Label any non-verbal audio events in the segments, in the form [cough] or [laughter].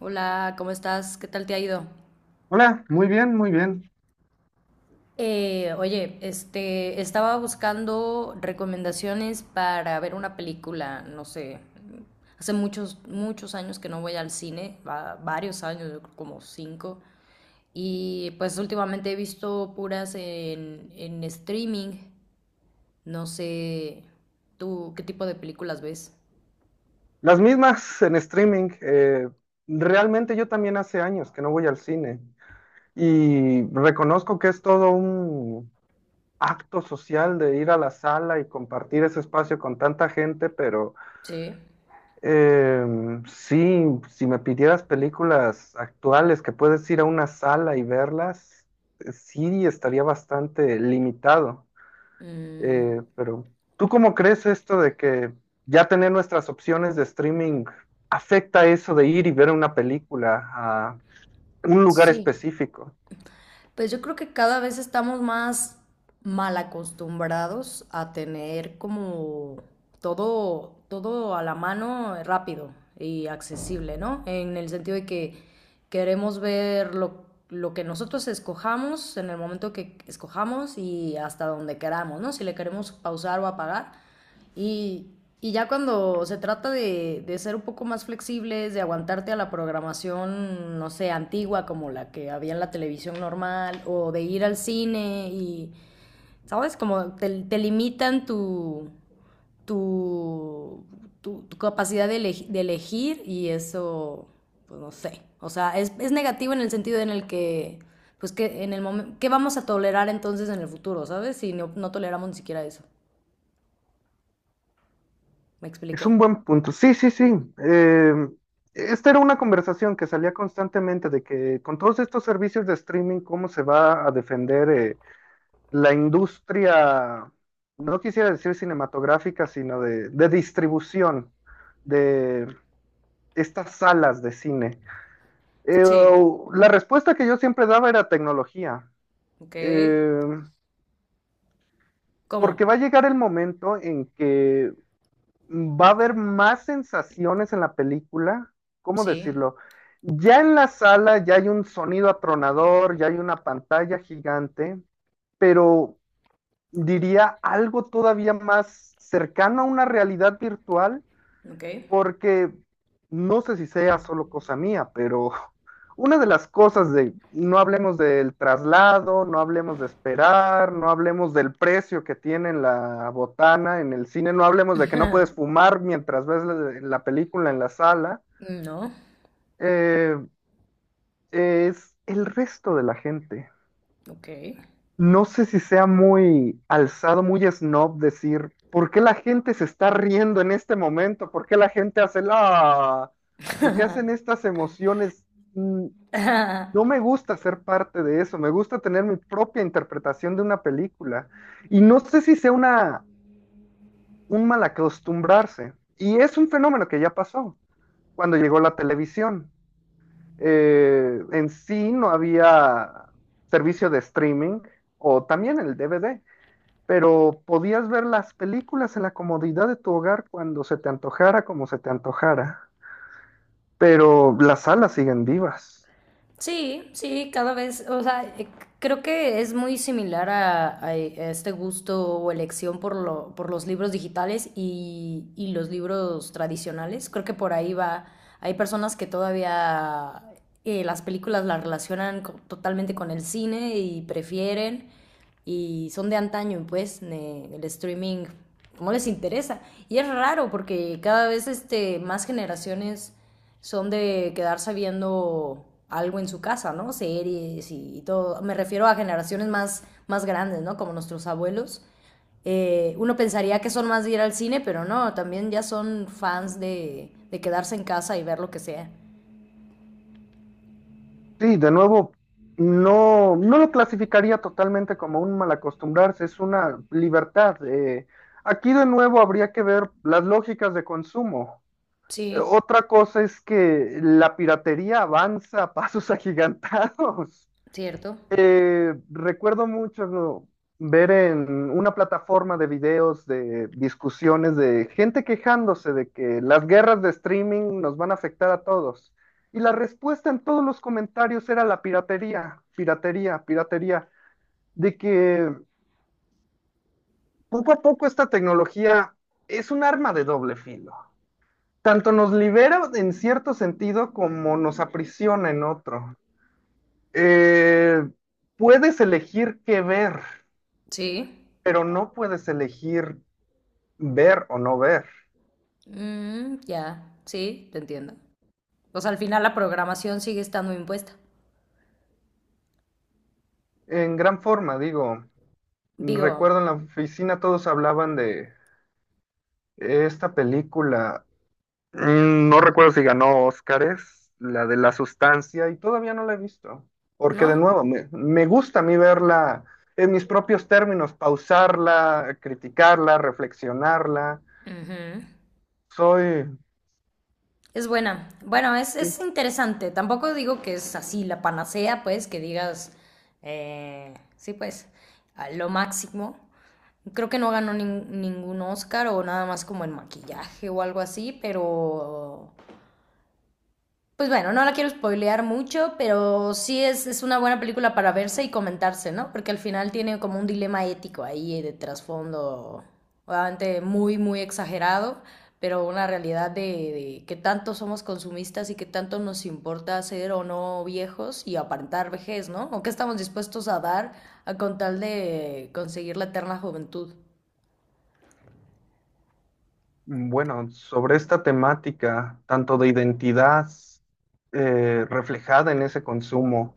Hola, ¿cómo estás? ¿Qué tal te ha ido? Hola, muy bien, muy bien. Oye, estaba buscando recomendaciones para ver una película, no sé, hace muchos, muchos años que no voy al cine, varios años, yo creo como cinco, y pues últimamente he visto puras en streaming, no sé, ¿tú qué tipo de películas ves? Las mismas en streaming. Realmente yo también hace años que no voy al cine y reconozco que es todo un acto social de ir a la sala y compartir ese espacio con tanta gente, pero Sí. Sí, si me pidieras películas actuales que puedes ir a una sala y verlas, sí estaría bastante limitado. Mm, Pero ¿tú cómo crees esto de que ya tener nuestras opciones de streaming afecta eso de ir y ver una película a un lugar sí. específico? Pues yo creo que cada vez estamos más mal acostumbrados a tener como todo, todo a la mano rápido y accesible, ¿no? En el sentido de que queremos ver lo que nosotros escojamos en el momento que escojamos y hasta donde queramos, ¿no? Si le queremos pausar o apagar y, y ya cuando se trata de ser un poco más flexibles, de aguantarte a la programación, no sé, antigua como la que había en la televisión normal, o de ir al cine y, ¿sabes? Como te limitan tu, tu capacidad de, de elegir y eso, pues no sé. O sea, es negativo en el sentido en el que, pues que en el momento, ¿qué vamos a tolerar entonces en el futuro, ¿sabes? Si no toleramos ni siquiera eso. ¿Me Es expliqué? un buen punto. Sí, sí, sí. Eh, Esta era una conversación que salía constantemente de que con todos estos servicios de streaming, ¿cómo se va a defender la industria, no quisiera decir cinematográfica, sino de distribución de estas salas de cine? Eh, Sí. la respuesta que yo siempre daba era tecnología, Ok. eh, porque ¿Cómo? va a llegar el momento en que va a haber más sensaciones en la película, ¿cómo Sí. decirlo? Ya en la sala ya hay un sonido atronador, ya hay una pantalla gigante, pero diría algo todavía más cercano a una realidad virtual, Ok. porque no sé si sea solo cosa mía, pero una de las cosas de, no hablemos del traslado, no hablemos de esperar, no hablemos del precio que tiene la botana en el cine, no hablemos de que no puedes fumar mientras ves la película en la sala, No. eh, es el resto de la gente. Ok. No sé si sea muy alzado, muy snob decir, ¿por qué la gente se está riendo en este momento? ¿Por qué la gente hace la... ¿Por qué hacen estas emociones? Mm, No me gusta ser parte de eso, me gusta tener mi propia interpretación de una película. Y no sé si sea un mal acostumbrarse. Y es un fenómeno que ya pasó cuando llegó la televisión. En sí no había servicio de streaming o también el DVD, pero podías ver las películas en la comodidad de tu hogar cuando se te antojara, como se te antojara. Pero las salas siguen vivas. Sí, sí, cada vez, o sea, creo que es muy similar a, a este gusto o elección por lo, por los libros digitales y los libros tradicionales. Creo que por ahí va, hay personas que todavía las películas las relacionan totalmente con el cine y prefieren y son de antaño, pues, el streaming, no les interesa. Y es raro porque cada vez este, más generaciones son de quedarse viendo algo en su casa, ¿no? Series y todo. Me refiero a generaciones más, más grandes, ¿no? Como nuestros abuelos. Uno pensaría que son más de ir al cine, pero no, también ya son fans de quedarse en casa y ver lo que sea. Sí, de nuevo, no, no lo clasificaría totalmente como un mal acostumbrarse, es una libertad. Aquí de nuevo habría que ver las lógicas de consumo. Sí. Otra cosa es que la piratería avanza a pasos [laughs] agigantados. ¿Cierto? Recuerdo mucho ver en una plataforma de videos de discusiones de gente quejándose de que las guerras de streaming nos van a afectar a todos. Y la respuesta en todos los comentarios era la piratería, piratería, piratería, de que poco a poco esta tecnología es un arma de doble filo. Tanto nos libera en cierto sentido como nos aprisiona en otro. Eh, Puedes elegir qué ver, Sí. pero no puedes elegir ver o no ver. Mm, ya, sí, te entiendo. Pues al final la programación sigue estando impuesta. En gran forma, digo, Digo, recuerdo en la oficina todos hablaban de esta película, mm, no recuerdo si ganó Óscares, la de la sustancia, y todavía no la he visto, porque de ¿no? nuevo, me gusta a mí verla en mis propios términos, pausarla, criticarla, reflexionarla. Ujú. Soy, Es buena. Bueno, sí, es interesante. Tampoco digo que es así la panacea, pues, que digas, sí, pues, a lo máximo. Creo que no ganó ningún Oscar o nada más como en maquillaje o algo así, pero pues bueno, no la quiero spoilear mucho, pero sí es una buena película para verse y comentarse, ¿no? Porque al final tiene como un dilema ético ahí de trasfondo, obviamente muy, muy exagerado, pero una realidad de que tanto somos consumistas y que tanto nos importa ser o no viejos y aparentar vejez, ¿no? O qué estamos dispuestos a dar a con tal de conseguir la eterna juventud. mm, bueno, sobre esta temática, tanto de identidad reflejada en ese consumo,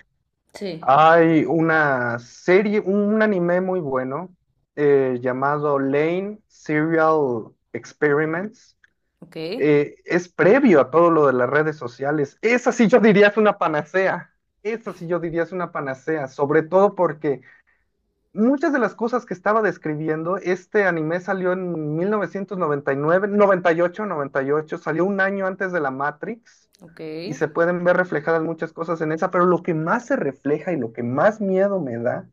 Sí. hay una serie, un anime muy bueno llamado Lane Serial Experiments. Ok, Es previo a todo lo de las redes sociales. Esa sí yo diría es una panacea. Esa sí yo diría es una panacea, sobre todo porque muchas de las cosas que estaba describiendo, este anime salió en 1999, 98, 98, salió un año antes de la Matrix ok, y se pueden ver reflejadas muchas cosas en esa, pero lo que más se refleja y lo que más miedo me da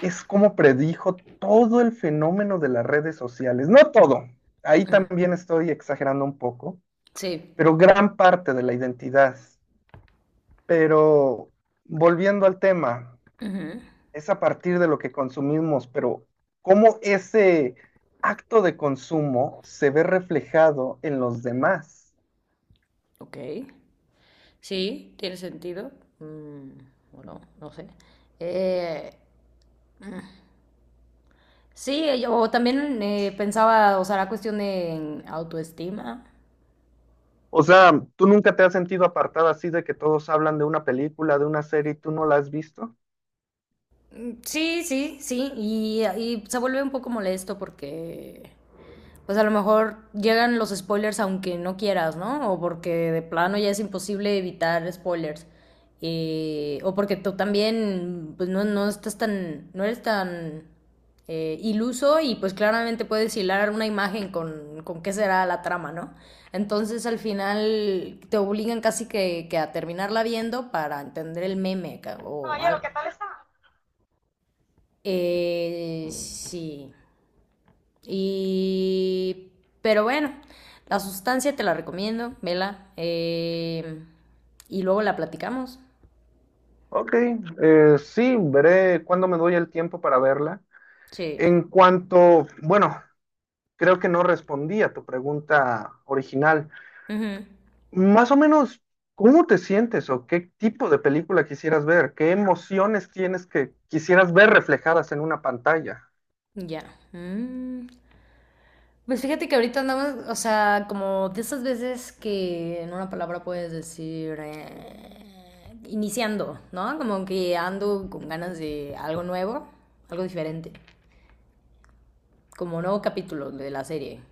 es cómo predijo todo el fenómeno de las redes sociales. No todo, ahí también estoy exagerando un poco, sí, pero gran parte de la identidad. Pero volviendo al tema, ujú, es a partir de lo que consumimos, pero cómo ese acto de consumo se ve reflejado en los demás. ok. Sí, tiene sentido. Mm, bueno, no sé. Eh, sí, yo también pensaba, o sea, la cuestión de autoestima. O sea, ¿tú nunca te has sentido apartada así de que todos hablan de una película, de una serie y tú no la has visto? Mm, sí, sí, sí. Y se vuelve un poco molesto porque pues a lo mejor llegan los spoilers aunque no quieras, ¿no? O porque de plano ya es imposible evitar spoilers. O porque tú también, pues no, no estás tan, no eres tan iluso y pues claramente puedes hilar una imagen con qué será la trama, ¿no? Entonces al final te obligan casi que a terminarla viendo para entender el meme o Caballero, algo. ¿qué tal está? Sí. Y... pero bueno, la sustancia te la recomiendo, vela. Y luego la platicamos. Ok, sí, veré cuándo me doy el tiempo para verla. Sí. En cuanto, bueno, creo que no respondí a tu pregunta original. Ujú. Más o menos, ¿cómo te sientes o qué tipo de película quisieras ver? ¿Qué emociones tienes que quisieras ver reflejadas en una pantalla? Ya. Mm. Pues fíjate que ahorita andamos, o sea, como de esas veces que en una palabra puedes decir iniciando, ¿no? Como que ando con ganas de algo nuevo, algo diferente, como nuevo capítulo de la serie.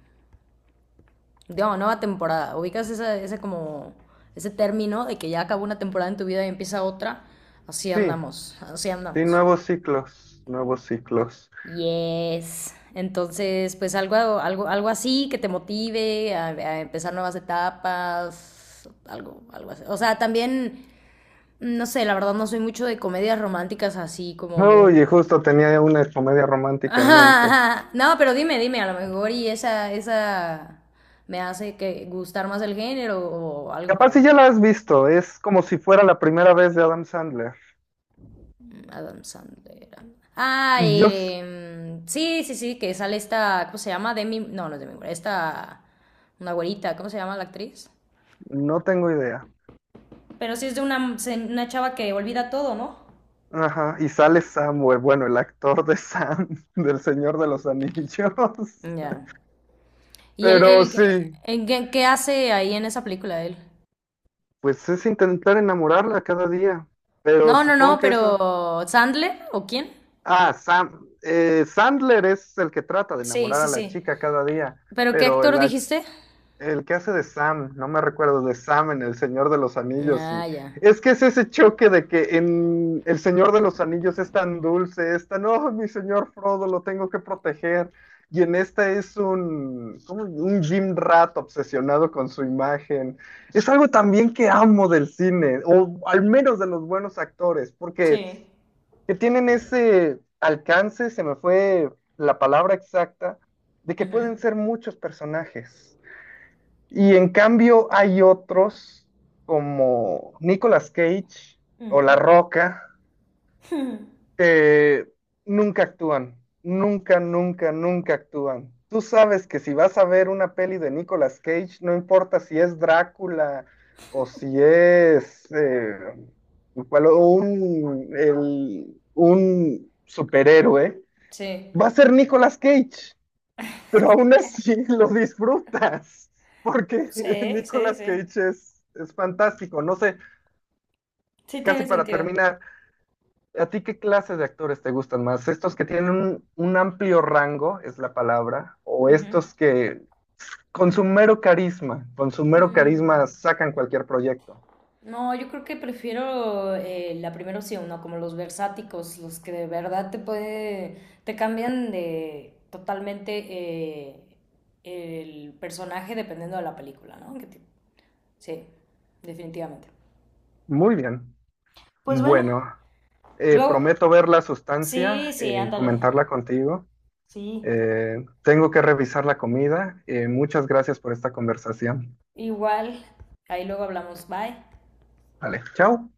Digamos, nueva temporada. Ubicas esa, ese como, ese término de que ya acabó una temporada en tu vida y empieza otra. Así Sí, andamos, así sí, andamos. nuevos ciclos, nuevos ciclos. Yes. Entonces, pues algo, algo, algo así que te motive a empezar nuevas etapas, algo, algo así. O sea, también, no sé, la verdad no soy mucho de comedias románticas así como muy... Oye, justo tenía una comedia romántica en mente. [laughs] No, pero dime, dime, a lo mejor y esa me hace que gustar más el género o algo, pero... a Capaz si ver. ya la has visto, es como si fuera la primera vez de Adam Sandler. Adam Sandler. Ah, Y yo s- sí, sí, sí, que sale esta, ¿cómo se llama? Demi, no, no es Demi Moore, esta, una güerita, ¿cómo se llama la actriz? no tengo idea. Pero sí es de una chava que olvida todo, ¿no? Ajá, y sale Samuel, bueno, el actor de Sam, [laughs] del Señor de los Anillos. [laughs] Ya. ¿Y él, Pero él qué, sí. Qué hace ahí en esa película él? Pues es intentar enamorarla cada día, pero No, no, no, supongo que eso... pero ¿Sandler o quién? Ah, Sam, Sandler es el que trata de Sí, enamorar sí, a la sí. chica cada día, ¿Pero qué pero actor dijiste? el que hace de Sam, no me recuerdo, de Sam en El Señor de los Anillos. Ah, Y ya. es que es ese choque de que en El Señor de los Anillos es tan dulce, es tan, oh, mi señor Frodo, lo tengo que proteger. Y en esta es un, como un Jim Rat obsesionado con su imagen. Es algo también que amo del cine, o al menos de los buenos actores, porque Sí. que tienen ese alcance, se me fue la palabra exacta, de que Ujú, pueden ser muchos personajes y en cambio hay otros como Nicolas Cage o La ujú. Roca que nunca actúan, nunca, nunca, nunca actúan. Tú sabes que si vas a ver una peli de Nicolas Cage, no importa si es Drácula o si es un superhéroe, Sí. va a ser Nicolas Cage pero aún así [laughs] lo disfrutas, porque [laughs] Sí, sí, Nicolas sí. Cage es fantástico. No sé, Sí casi tiene para sentido. terminar, ¿a ti qué clase de actores te gustan más? ¿Estos que tienen un amplio rango, es la palabra, o Ujú. estos que con su mero carisma, con su mero Mm, carisma sacan cualquier proyecto? no, yo creo que prefiero la primera opción, ¿no? Como los versáticos, los que de verdad te puede, te cambian de totalmente eh, el personaje dependiendo de la película, ¿no? Sí, definitivamente. Muy bien. Pues bueno, Bueno, luego, prometo ver la sí, sustancia sí, y ándale, comentarla contigo. sí, Tengo que revisar la comida. Muchas gracias por esta conversación. igual, ahí luego hablamos, bye. Vale, chao.